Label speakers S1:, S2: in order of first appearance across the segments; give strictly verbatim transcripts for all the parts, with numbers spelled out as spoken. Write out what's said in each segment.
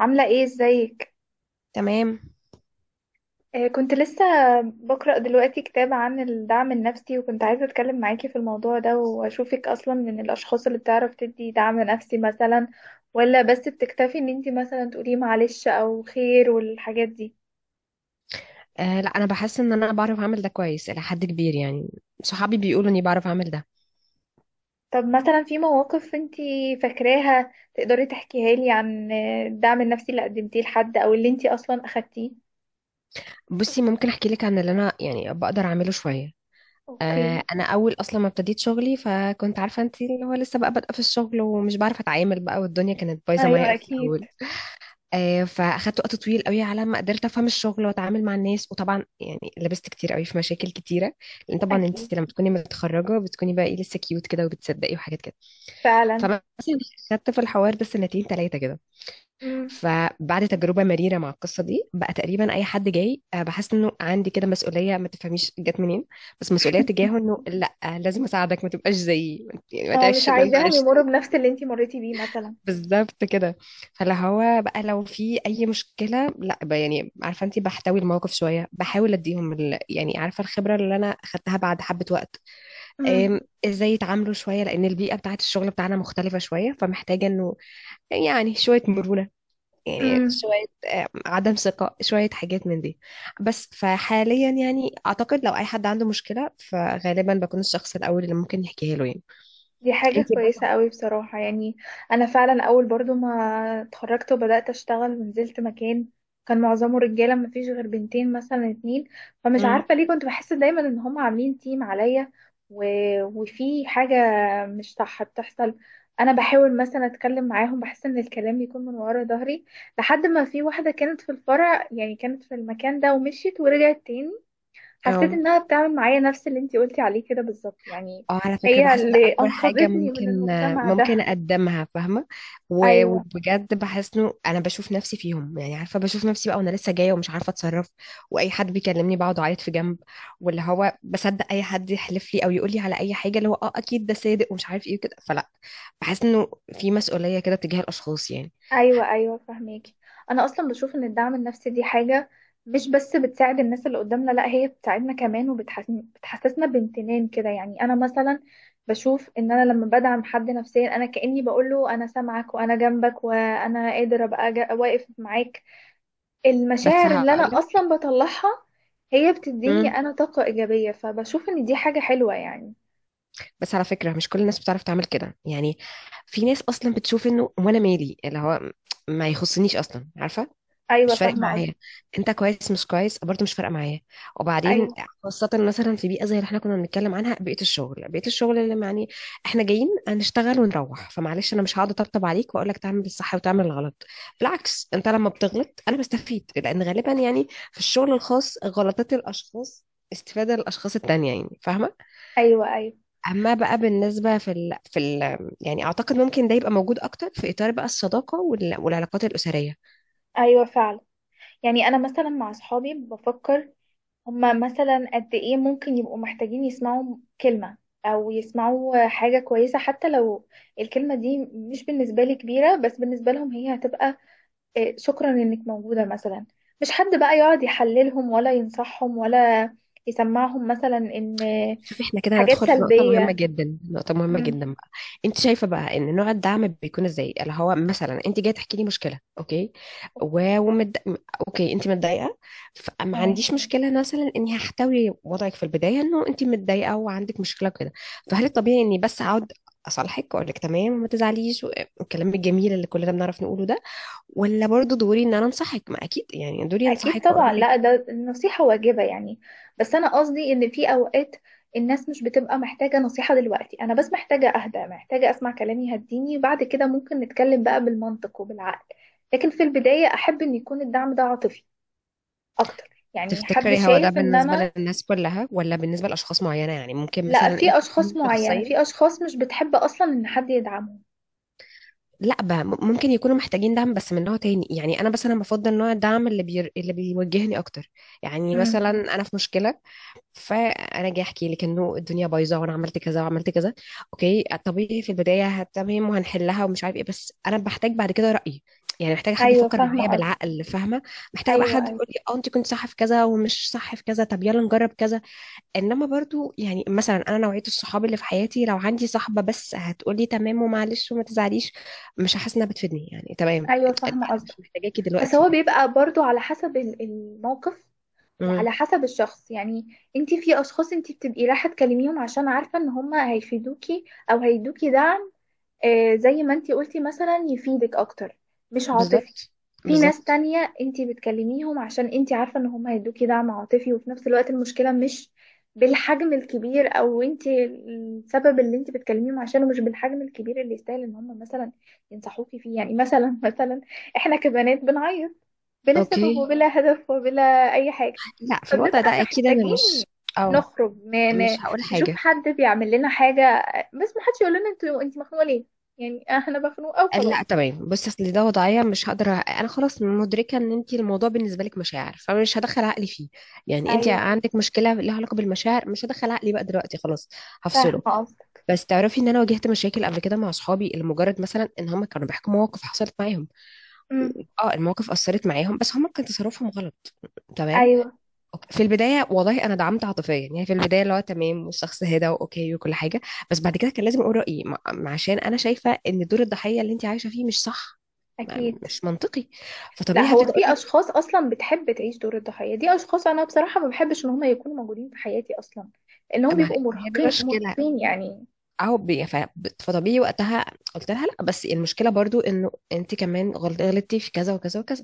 S1: عاملة ايه؟ ازيك؟
S2: تمام.
S1: آه، كنت لسه بقرأ دلوقتي كتاب عن الدعم النفسي، وكنت عايزة اتكلم معاكي في الموضوع ده، واشوفك اصلا من الاشخاص اللي بتعرف تدي دعم نفسي مثلا، ولا بس بتكتفي ان انتي مثلا تقولي معلش او خير والحاجات دي؟
S2: آه لا، انا بحس ان انا بعرف اعمل ده كويس الى حد كبير. يعني صحابي بيقولوا اني بعرف اعمل ده.
S1: طب مثلا في مواقف انتي فاكراها تقدري تحكيها لي عن آه، الدعم النفسي اللي قدمتيه لحد او اللي انتي اصلا اخدتيه؟
S2: بصي، ممكن احكي لك عن اللي انا يعني بقدر اعمله شويه. آه
S1: اوكي.
S2: انا اول اصلا ما ابتديت شغلي، فكنت عارفه، انت اللي هو لسه بقى بادئه في الشغل ومش بعرف اتعامل بقى، والدنيا كانت بايظه معايا
S1: ايوه،
S2: قوي في
S1: اكيد.
S2: الاول. آه فاخدت وقت طويل قوي على ما قدرت افهم الشغل واتعامل مع الناس، وطبعا يعني لبست كتير قوي في مشاكل كتيره. لان طبعا انت
S1: اكيد،
S2: لما تكوني متخرجه بتكوني بقى ايه، لسه كيوت كده، وبتصدقي وحاجات كده.
S1: فعلا.
S2: فمثلا خدت في الحوار ده سنتين ثلاثه كده.
S1: امم.
S2: فبعد تجربة مريرة مع القصة دي بقى، تقريبا أي حد جاي، آه، بحس إنه عندي كده مسؤولية ما تفهميش جت منين، بس مسؤولية تجاهه إنه لأ، آه، لازم أساعدك ما تبقاش زيي، يعني ما
S1: اه، مش
S2: تعيش اللي أنت
S1: عايزاهم
S2: عشته.
S1: يمروا بنفس اللي انتي مريتي بيه مثلا.
S2: بالظبط كده. فلا هو بقى لو في أي مشكلة لأ بقى، يعني عارفة، أنت بحتوي الموقف شوية، بحاول أديهم ال... يعني عارفة الخبرة اللي أنا أخدتها بعد حبة وقت.
S1: امم.
S2: آم، ازاي يتعاملوا شوية، لأن البيئة بتاعت الشغل بتاعنا مختلفة شوية، فمحتاجة إنه يعني شوية مرونة، يعني
S1: امم.
S2: شوية آه، عدم ثقة، شوية حاجات من دي. بس فحاليا يعني أعتقد لو أي حد عنده مشكلة فغالبا بكون الشخص الأول اللي ممكن يحكيها له يعني.
S1: دي حاجة
S2: انتي
S1: كويسة
S2: بقى.
S1: قوي بصراحة يعني. أنا فعلا أول برضو ما اتخرجت وبدأت أشتغل ونزلت مكان كان معظمه رجالة، ما فيش غير بنتين مثلا اتنين، فمش
S2: مم.
S1: عارفة ليه كنت بحس دايما إن هم عاملين تيم عليا. و... وفي حاجة مش صح بتحصل. أنا بحاول مثلا أتكلم معاهم، بحس إن الكلام بيكون من ورا ظهري. لحد ما في واحدة كانت في الفرع، يعني كانت في المكان ده ومشيت ورجعت تاني، حسيت
S2: اه،
S1: انها بتعمل معايا نفس اللي انتي قلتي عليه كده بالظبط يعني.
S2: اه، على فكرة
S1: هي
S2: بحس ده
S1: اللي
S2: أكبر حاجة
S1: انقذتني من
S2: ممكن
S1: المجتمع
S2: ممكن
S1: ده.
S2: أقدمها، فاهمة. و-
S1: ايوه،
S2: وبجد بحس إنه أنا بشوف نفسي فيهم. يعني عارفة بشوف نفسي بقى وأنا لسه جاية ومش عارفة أتصرف، وأي حد بيكلمني بقعد أعيط في جنب، واللي هو بصدق أي حد يحلف لي أو يقول لي على أي حاجة، اللي هو أه أكيد ده صادق ومش عارف إيه وكده. فلا، بحس إنه في مسؤولية كده تجاه الأشخاص يعني.
S1: ايوه. ايوه، فهماكي. انا اصلا بشوف ان الدعم النفسي دي حاجه مش بس بتساعد الناس اللي قدامنا، لا، هي بتساعدنا كمان وبتحسسنا بامتنان كده، يعني انا مثلا بشوف ان انا لما بدعم حد نفسيا انا كاني بقول له انا سامعك وانا جنبك وانا قادر ابقى جا- واقف معاك.
S2: بس
S1: المشاعر اللي انا
S2: هقولك.
S1: اصلا بطلعها هي بتديني
S2: مم.
S1: انا طاقة ايجابية، فبشوف ان دي حاجة حلوة يعني.
S2: بس على فكرة، مش كل الناس بتعرف تعمل كده يعني. في ناس أصلا بتشوف إنه وأنا مالي، اللي هو ما يخصنيش أصلا، عارفة.
S1: ايوه،
S2: مش فارق
S1: فاهمة قصدي.
S2: معايا انت كويس مش كويس، برضه مش فارقه معايا. وبعدين
S1: ايوه،
S2: خاصه مثلا في بيئه زي اللي احنا كنا بنتكلم عنها، بيئه الشغل، بيئه الشغل اللي يعني احنا جايين هنشتغل ونروح، فمعلش انا مش هقعد اطبطب عليك واقول لك تعمل الصح وتعمل الغلط. بالعكس، انت لما بتغلط انا بستفيد، لان غالبا يعني في الشغل الخاص غلطات الاشخاص استفادة للأشخاص التانية، يعني فاهمة؟
S1: ايوه. ايوه،
S2: أما بقى بالنسبة في ال... في ال... يعني أعتقد ممكن ده يبقى موجود أكتر في إطار بقى الصداقة وال... والعلاقات الأسرية.
S1: ايوه، فعلا. يعني انا مثلا مع اصحابي بفكر هما مثلا قد ايه ممكن يبقوا محتاجين يسمعوا كلمة او يسمعوا حاجة كويسة، حتى لو الكلمة دي مش بالنسبة لي كبيرة بس بالنسبة لهم هي هتبقى إيه، شكرا انك موجودة مثلا، مش حد بقى يقعد يحللهم ولا ينصحهم ولا يسمعهم مثلا ان
S2: شوفي، احنا كده
S1: حاجات
S2: هندخل في نقطة مهمة
S1: سلبية.
S2: جدا، نقطة مهمة
S1: امم.
S2: جدا بقى. انت شايفة بقى ان نوع الدعم بيكون ازاي؟ اللي هو مثلا انت جاية تحكي لي مشكلة، اوكي. و... ومد... اوكي، انت متضايقة، فما
S1: تمام.
S2: عنديش مشكلة مثلا اني هحتوي وضعك في البداية، انه انت متضايقة وعندك مشكلة كده. فهل الطبيعي اني بس اقعد اصالحك واقول لك تمام وما تزعليش، والكلام الجميل اللي كلنا بنعرف نقوله ده؟ ولا برضو دوري ان انا انصحك؟ ما اكيد يعني دوري
S1: اكيد،
S2: انصحك
S1: طبعا.
S2: واقول
S1: لا،
S2: لك.
S1: ده النصيحة واجبة يعني. بس انا قصدي ان في اوقات الناس مش بتبقى محتاجة نصيحة، دلوقتي انا بس محتاجة اهدى، محتاجة اسمع كلام يهديني، بعد كده ممكن نتكلم بقى بالمنطق وبالعقل. لكن في البداية احب ان يكون الدعم ده عاطفي اكتر، يعني حد
S2: تفتكري هو ده
S1: شايف ان
S2: بالنسبة
S1: انا.
S2: للناس كلها ولا بالنسبة لأشخاص معينة؟ يعني ممكن
S1: لا،
S2: مثلا انت
S1: في
S2: تكوني
S1: اشخاص معينة، في
S2: شخصية.
S1: اشخاص مش بتحب اصلا ان حد يدعمهم.
S2: لا بقى، م- ممكن يكونوا محتاجين دعم بس من نوع تاني. يعني انا مثلا بفضل نوع الدعم اللي بير... اللي بيوجهني اكتر. يعني
S1: امم.
S2: مثلا انا في مشكلة، فانا جاي احكي لك انه الدنيا بايظة وانا عملت كذا وعملت كذا. اوكي، طبيعي في البداية هت- تمام وهنحلها ومش عارف ايه، بس انا بحتاج بعد كده رأيي. يعني محتاجة حد
S1: ايوه،
S2: يفكر
S1: فاهمة
S2: معايا
S1: قصدك.
S2: بالعقل، فاهمة. محتاجة بقى
S1: ايوه،
S2: حد
S1: ايوه.
S2: يقول لي اه انت كنت صح في كذا ومش صح في كذا، طب يلا نجرب كذا. انما برضو يعني مثلا انا نوعيه الصحاب اللي في حياتي، لو عندي صاحبه بس هتقولي تمام ومعلش وما تزعليش، مش هحس انها بتفيدني، يعني تمام.
S1: ايوه،
S2: انا
S1: فاهمة قصدك.
S2: مش محتاجاكي
S1: بس
S2: دلوقتي
S1: هو
S2: يعني.
S1: بيبقى برضو على حسب ال- الموقف،
S2: امم.
S1: وعلى حسب الشخص يعني. انتي في اشخاص انتي بتبقي رايحة تكلميهم عشان عارفة ان هما هيفيدوكي او هيدوكي دعم آه، زي ما انتي قلتي مثلا، يفيدك اكتر مش عاطفي.
S2: بالظبط.
S1: في ناس
S2: بالظبط.
S1: تانية انتي بتكلميهم عشان انتي عارفة ان هم هيدوكي دعم عاطفي، وفي نفس الوقت المشكلة مش بالحجم الكبير، او انتي السبب اللي انتي بتكلميهم عشانه مش بالحجم الكبير اللي يستاهل ان هم مثلا ينصحوكي فيه، يعني مثلا مثلا احنا كبنات بنعيط بلا سبب
S2: اوكي.
S1: وبلا هدف وبلا اي حاجة،
S2: لا، في الوضع
S1: فبنبقى
S2: ده اكيد انا
S1: محتاجين
S2: مش. او.
S1: نخرج ن-
S2: مش
S1: ن-
S2: هقول
S1: نشوف
S2: حاجه.
S1: حد بيعمل لنا حاجة، بس ما حدش يقول لنا انتوا انت مخنوقة ليه، يعني احنا مخنوقة وخلاص.
S2: لا تمام، بصي اصل ده وضعيه مش هقدر، أ- انا خلاص مدركه ان انت الموضوع بالنسبه لك مشاعر، فمش هدخل عقلي فيه. يعني انت
S1: ايوه،
S2: عندك مشكله لها علاقه بالمشاعر، مش هدخل عقلي بقى دلوقتي خلاص. هفصله.
S1: فاهمه قصدك.
S2: بس تعرفي ان انا واجهت مشاكل قبل كده مع اصحابي لمجرد مثلا ان هم كانوا بيحكوا مواقف حصلت معاهم.
S1: امم.
S2: اه، المواقف اثرت معاهم، بس هم كان تصرفهم غلط. تمام.
S1: ايوه،
S2: أوكي. في البدايه والله انا دعمت عاطفيا، يعني في البدايه اللي هو تمام والشخص هدى واوكي وكل حاجه. بس بعد كده كان لازم اقول رايي، مع- عشان انا شايفه ان دور الضحيه اللي انت عايشه فيه مش صح. ما-
S1: اكيد.
S2: مش منطقي.
S1: لا،
S2: فطبيعي
S1: هو
S2: هبتدي اقول
S1: في
S2: لك.
S1: اشخاص اصلا بتحب تعيش دور الضحيه دي، اشخاص انا بصراحه ما بحبش ان هم يكونوا موجودين في حياتي اصلا، لانهم
S2: ما ما
S1: بيبقوا
S2: هي دي
S1: مرهقين
S2: مشكله.
S1: مرهقين يعني.
S2: اهو بي- ف- فطبيعي وقتها قلت لها لا، بس المشكله برضو انه انت كمان غلط- غلطتي في كذا وكذا وكذا.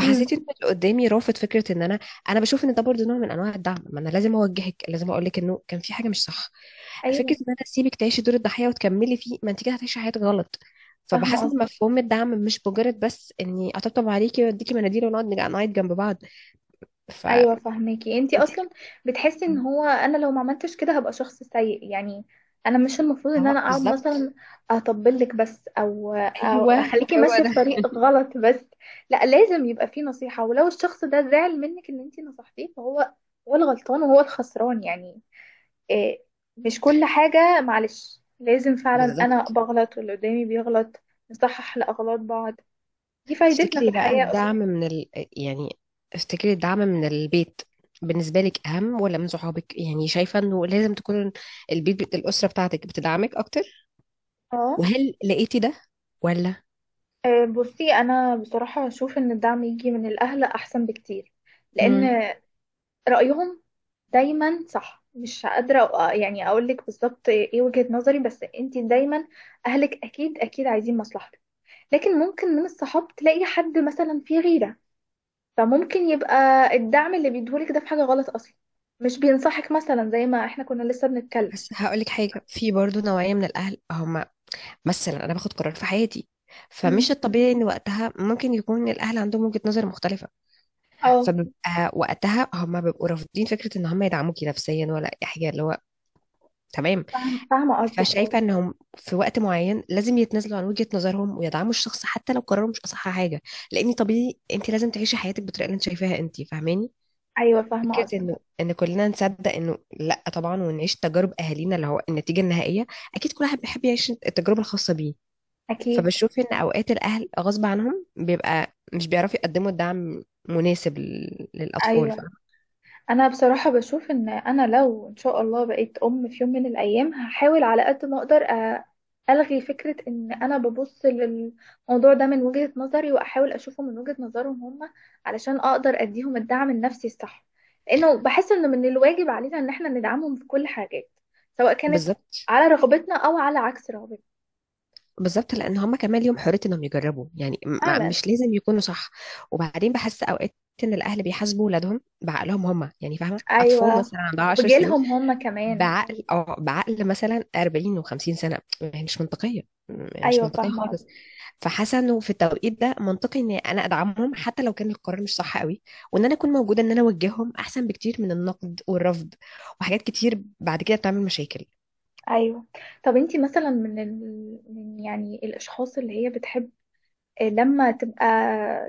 S1: امم.
S2: ان اللي قدامي رافض فكره ان انا انا بشوف ان ده برضو نوع من انواع الدعم. ما انا لازم اوجهك، لازم اقول لك انه كان في حاجه مش صح. فكره
S1: ايوه،
S2: ان انا اسيبك تعيشي دور الضحيه وتكملي فيه، ما انت كده هتعيشي حياتك غلط. فبحس
S1: فاهمه.
S2: ان مفهوم الدعم مش مجرد بس اني اطبطب عليكي واديكي مناديل ونقعد نج- نعيط جنب بعض.
S1: ايوه،
S2: فانت.
S1: فهماكي. انتي اصلا بتحسي ان هو انا لو ما عملتش كده هبقى شخص سيء يعني. انا مش المفروض ان انا اقعد
S2: بالظبط.
S1: مثلا اطبلك بس او او
S2: ايوه
S1: اخليكي
S2: هو
S1: ماشيه في
S2: ده.
S1: طريق غلط بس. لا، لازم يبقى فيه نصيحه، ولو الشخص ده زعل منك ان انتي نصحتيه فهو هو الغلطان وهو الخسران يعني. إيه، مش كل حاجه معلش، لازم فعلا انا
S2: بالظبط.
S1: بغلط واللي قدامي بيغلط نصحح لاغلاط بعض، دي فايدتنا في
S2: تفتكري بقى
S1: الحياه اصلا.
S2: الدعم من ال... يعني تفتكري الدعم من البيت بالنسبة لك أهم ولا من صحابك؟ يعني شايفة إنه لازم تكون البيت، بت- الأسرة بتاعتك بتدعمك أكتر؟
S1: اه.
S2: وهل لقيتي ده ولا؟
S1: أه، بصي، انا بصراحه اشوف ان الدعم يجي من الاهل احسن بكتير، لان
S2: مم.
S1: رايهم دايما صح. مش قادره أ- يعني اقول لك بالظبط ايه وجهه نظري، بس انت دايما اهلك اكيد اكيد عايزين مصلحتك. لكن ممكن من الصحاب تلاقي حد مثلا فيه غيره، فممكن يبقى الدعم اللي بيديهولك ده في حاجه غلط اصلا، مش بينصحك مثلا زي ما احنا كنا لسه بنتكلم.
S2: بس هقولك حاجة، في برضو نوعية من الأهل، هما مثلا أنا باخد قرار في حياتي فمش
S1: مم.
S2: الطبيعي إن وقتها ممكن يكون الأهل عندهم وجهة نظر مختلفة.
S1: اه،
S2: فبيبقى وقتها هما بيبقوا رافضين فكرة إن هما يدعموكي نفسيا ولا أي حاجة اللي هو. تمام.
S1: فاهم- فاهمه قصدك، اه.
S2: فشايفة انهم في وقت معين لازم يتنازلوا عن وجهة نظرهم ويدعموا الشخص حتى لو قرروا مش اصح حاجة. لان طبيعي انت لازم تعيشي حياتك بالطريقة اللي انت شايفاها انت، فاهماني.
S1: ايوه، فاهمه
S2: فكرة
S1: قصدك.
S2: انه ان كلنا نصدق انه لا طبعا ونعيش تجارب اهالينا، اللي هو النتيجة النهائية اكيد كل واحد بيحب يعيش التجربة الخاصة بيه.
S1: اكيد.
S2: فبشوف ان اوقات الاهل غصب عنهم بيبقى مش بيعرفوا يقدموا الدعم مناسب لل- للاطفال،
S1: ايوه.
S2: فاهمة.
S1: انا بصراحة بشوف ان انا لو ان شاء الله بقيت ام في يوم من الايام، هحاول على قد ما اقدر أ- الغي فكرة ان انا ببص للموضوع ده من وجهة نظري واحاول اشوفه من وجهة نظرهم هم، علشان اقدر اديهم الدعم النفسي الصح، لانه بحس ان من الواجب علينا ان احنا ندعمهم في كل حاجات، سواء كانت
S2: بالظبط.
S1: على رغبتنا او على عكس رغبتنا.
S2: بالظبط. لان هما كمان ليهم حريه انهم يجربوا، يعني م-
S1: فعلا.
S2: مش لازم يكونوا صح. وبعدين بحس اوقات ان الاهل بيحاسبوا ولادهم بعقلهم هما، يعني فاهمه، اطفال
S1: ايوه.
S2: مثلا عندها عشر سنين
S1: وبجيلهم هم كمان.
S2: بعقل اه بعقل مثلا أربعين وخمسين سنه، هي مش منطقيه. م- مش
S1: ايوه،
S2: منطقيه
S1: فاهمة
S2: خالص.
S1: قصدك.
S2: فحاسه انه في التوقيت ده منطقي ان انا ادعمهم حتى لو كان القرار مش صح قوي، وان انا اكون موجوده، ان انا اوجههم احسن بكتير من النقد والرفض. وحاجات كتير بعد كده بتعمل مشاكل.
S1: ايوه. طب انتي مثلا من ال... من يعني الاشخاص اللي هي بتحب لما تبقى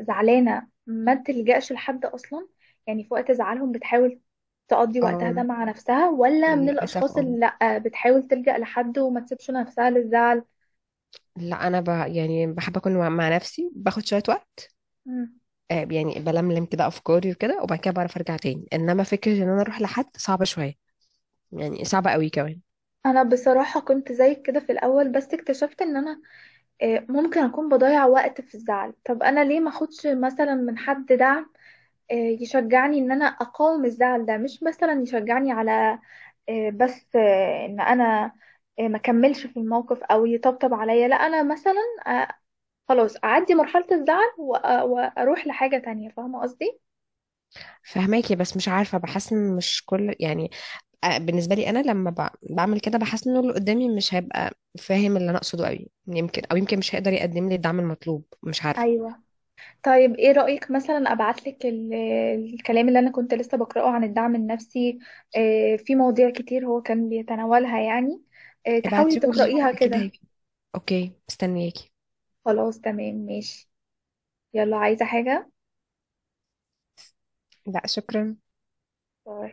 S1: زعلانه ما تلجأش لحد اصلا؟ يعني في وقت زعلهم بتحاول تقضي وقتها ده
S2: اه.
S1: مع نفسها، ولا من
S2: للاسف
S1: الاشخاص
S2: اه.
S1: اللي لا بتحاول تلجأ لحد وما تسيبش نفسها للزعل؟
S2: لا، انا ب... يعني بحب اكون مع مع نفسي، باخد شويه وقت.
S1: مم.
S2: آه، يعني بلملم كده افكاري وكده، وبعد كده بعرف ارجع تاني، انما فكره ان انا اروح لحد صعبه شويه، يعني صعبه قوي كمان.
S1: انا بصراحه كنت زيك كده في الاول، بس اكتشفت ان انا آه، ممكن اكون بضيع وقت في الزعل. طب انا ليه ما اخدش مثلا من حد دعم آه، يشجعني ان انا اقاوم الزعل ده، مش مثلا يشجعني على آه، بس آه، ان انا آه، ما كملش في الموقف او يطبطب عليا. لا، انا مثلا آه، خلاص اعدي مرحلة الزعل وأ- واروح لحاجة تانية، فاهمة قصدي؟
S2: فهماكي، بس مش عارفه بحس ان مش كل يعني. آه، بالنسبه لي انا لما ب... بعمل كده بحس ان اللي قدامي مش هيبقى فاهم اللي انا اقصده قوي، يمكن او يمكن مش هيقدر يقدم لي الدعم المطلوب، مش عارفه.
S1: ايوه. طيب ايه رأيك مثلا ابعتلك ال- الكلام اللي انا كنت لسه بقرأه عن الدعم النفسي؟ آه، في مواضيع كتير هو كان بيتناولها يعني، آه، تحاولي
S2: ابعتيهولي
S1: تقرأيها
S2: اكيد
S1: كده.
S2: هيجي. اوكي، مستنياكي.
S1: خلاص، تمام، ماشي. يلا، عايزة حاجة؟
S2: لا شكرا.
S1: باي.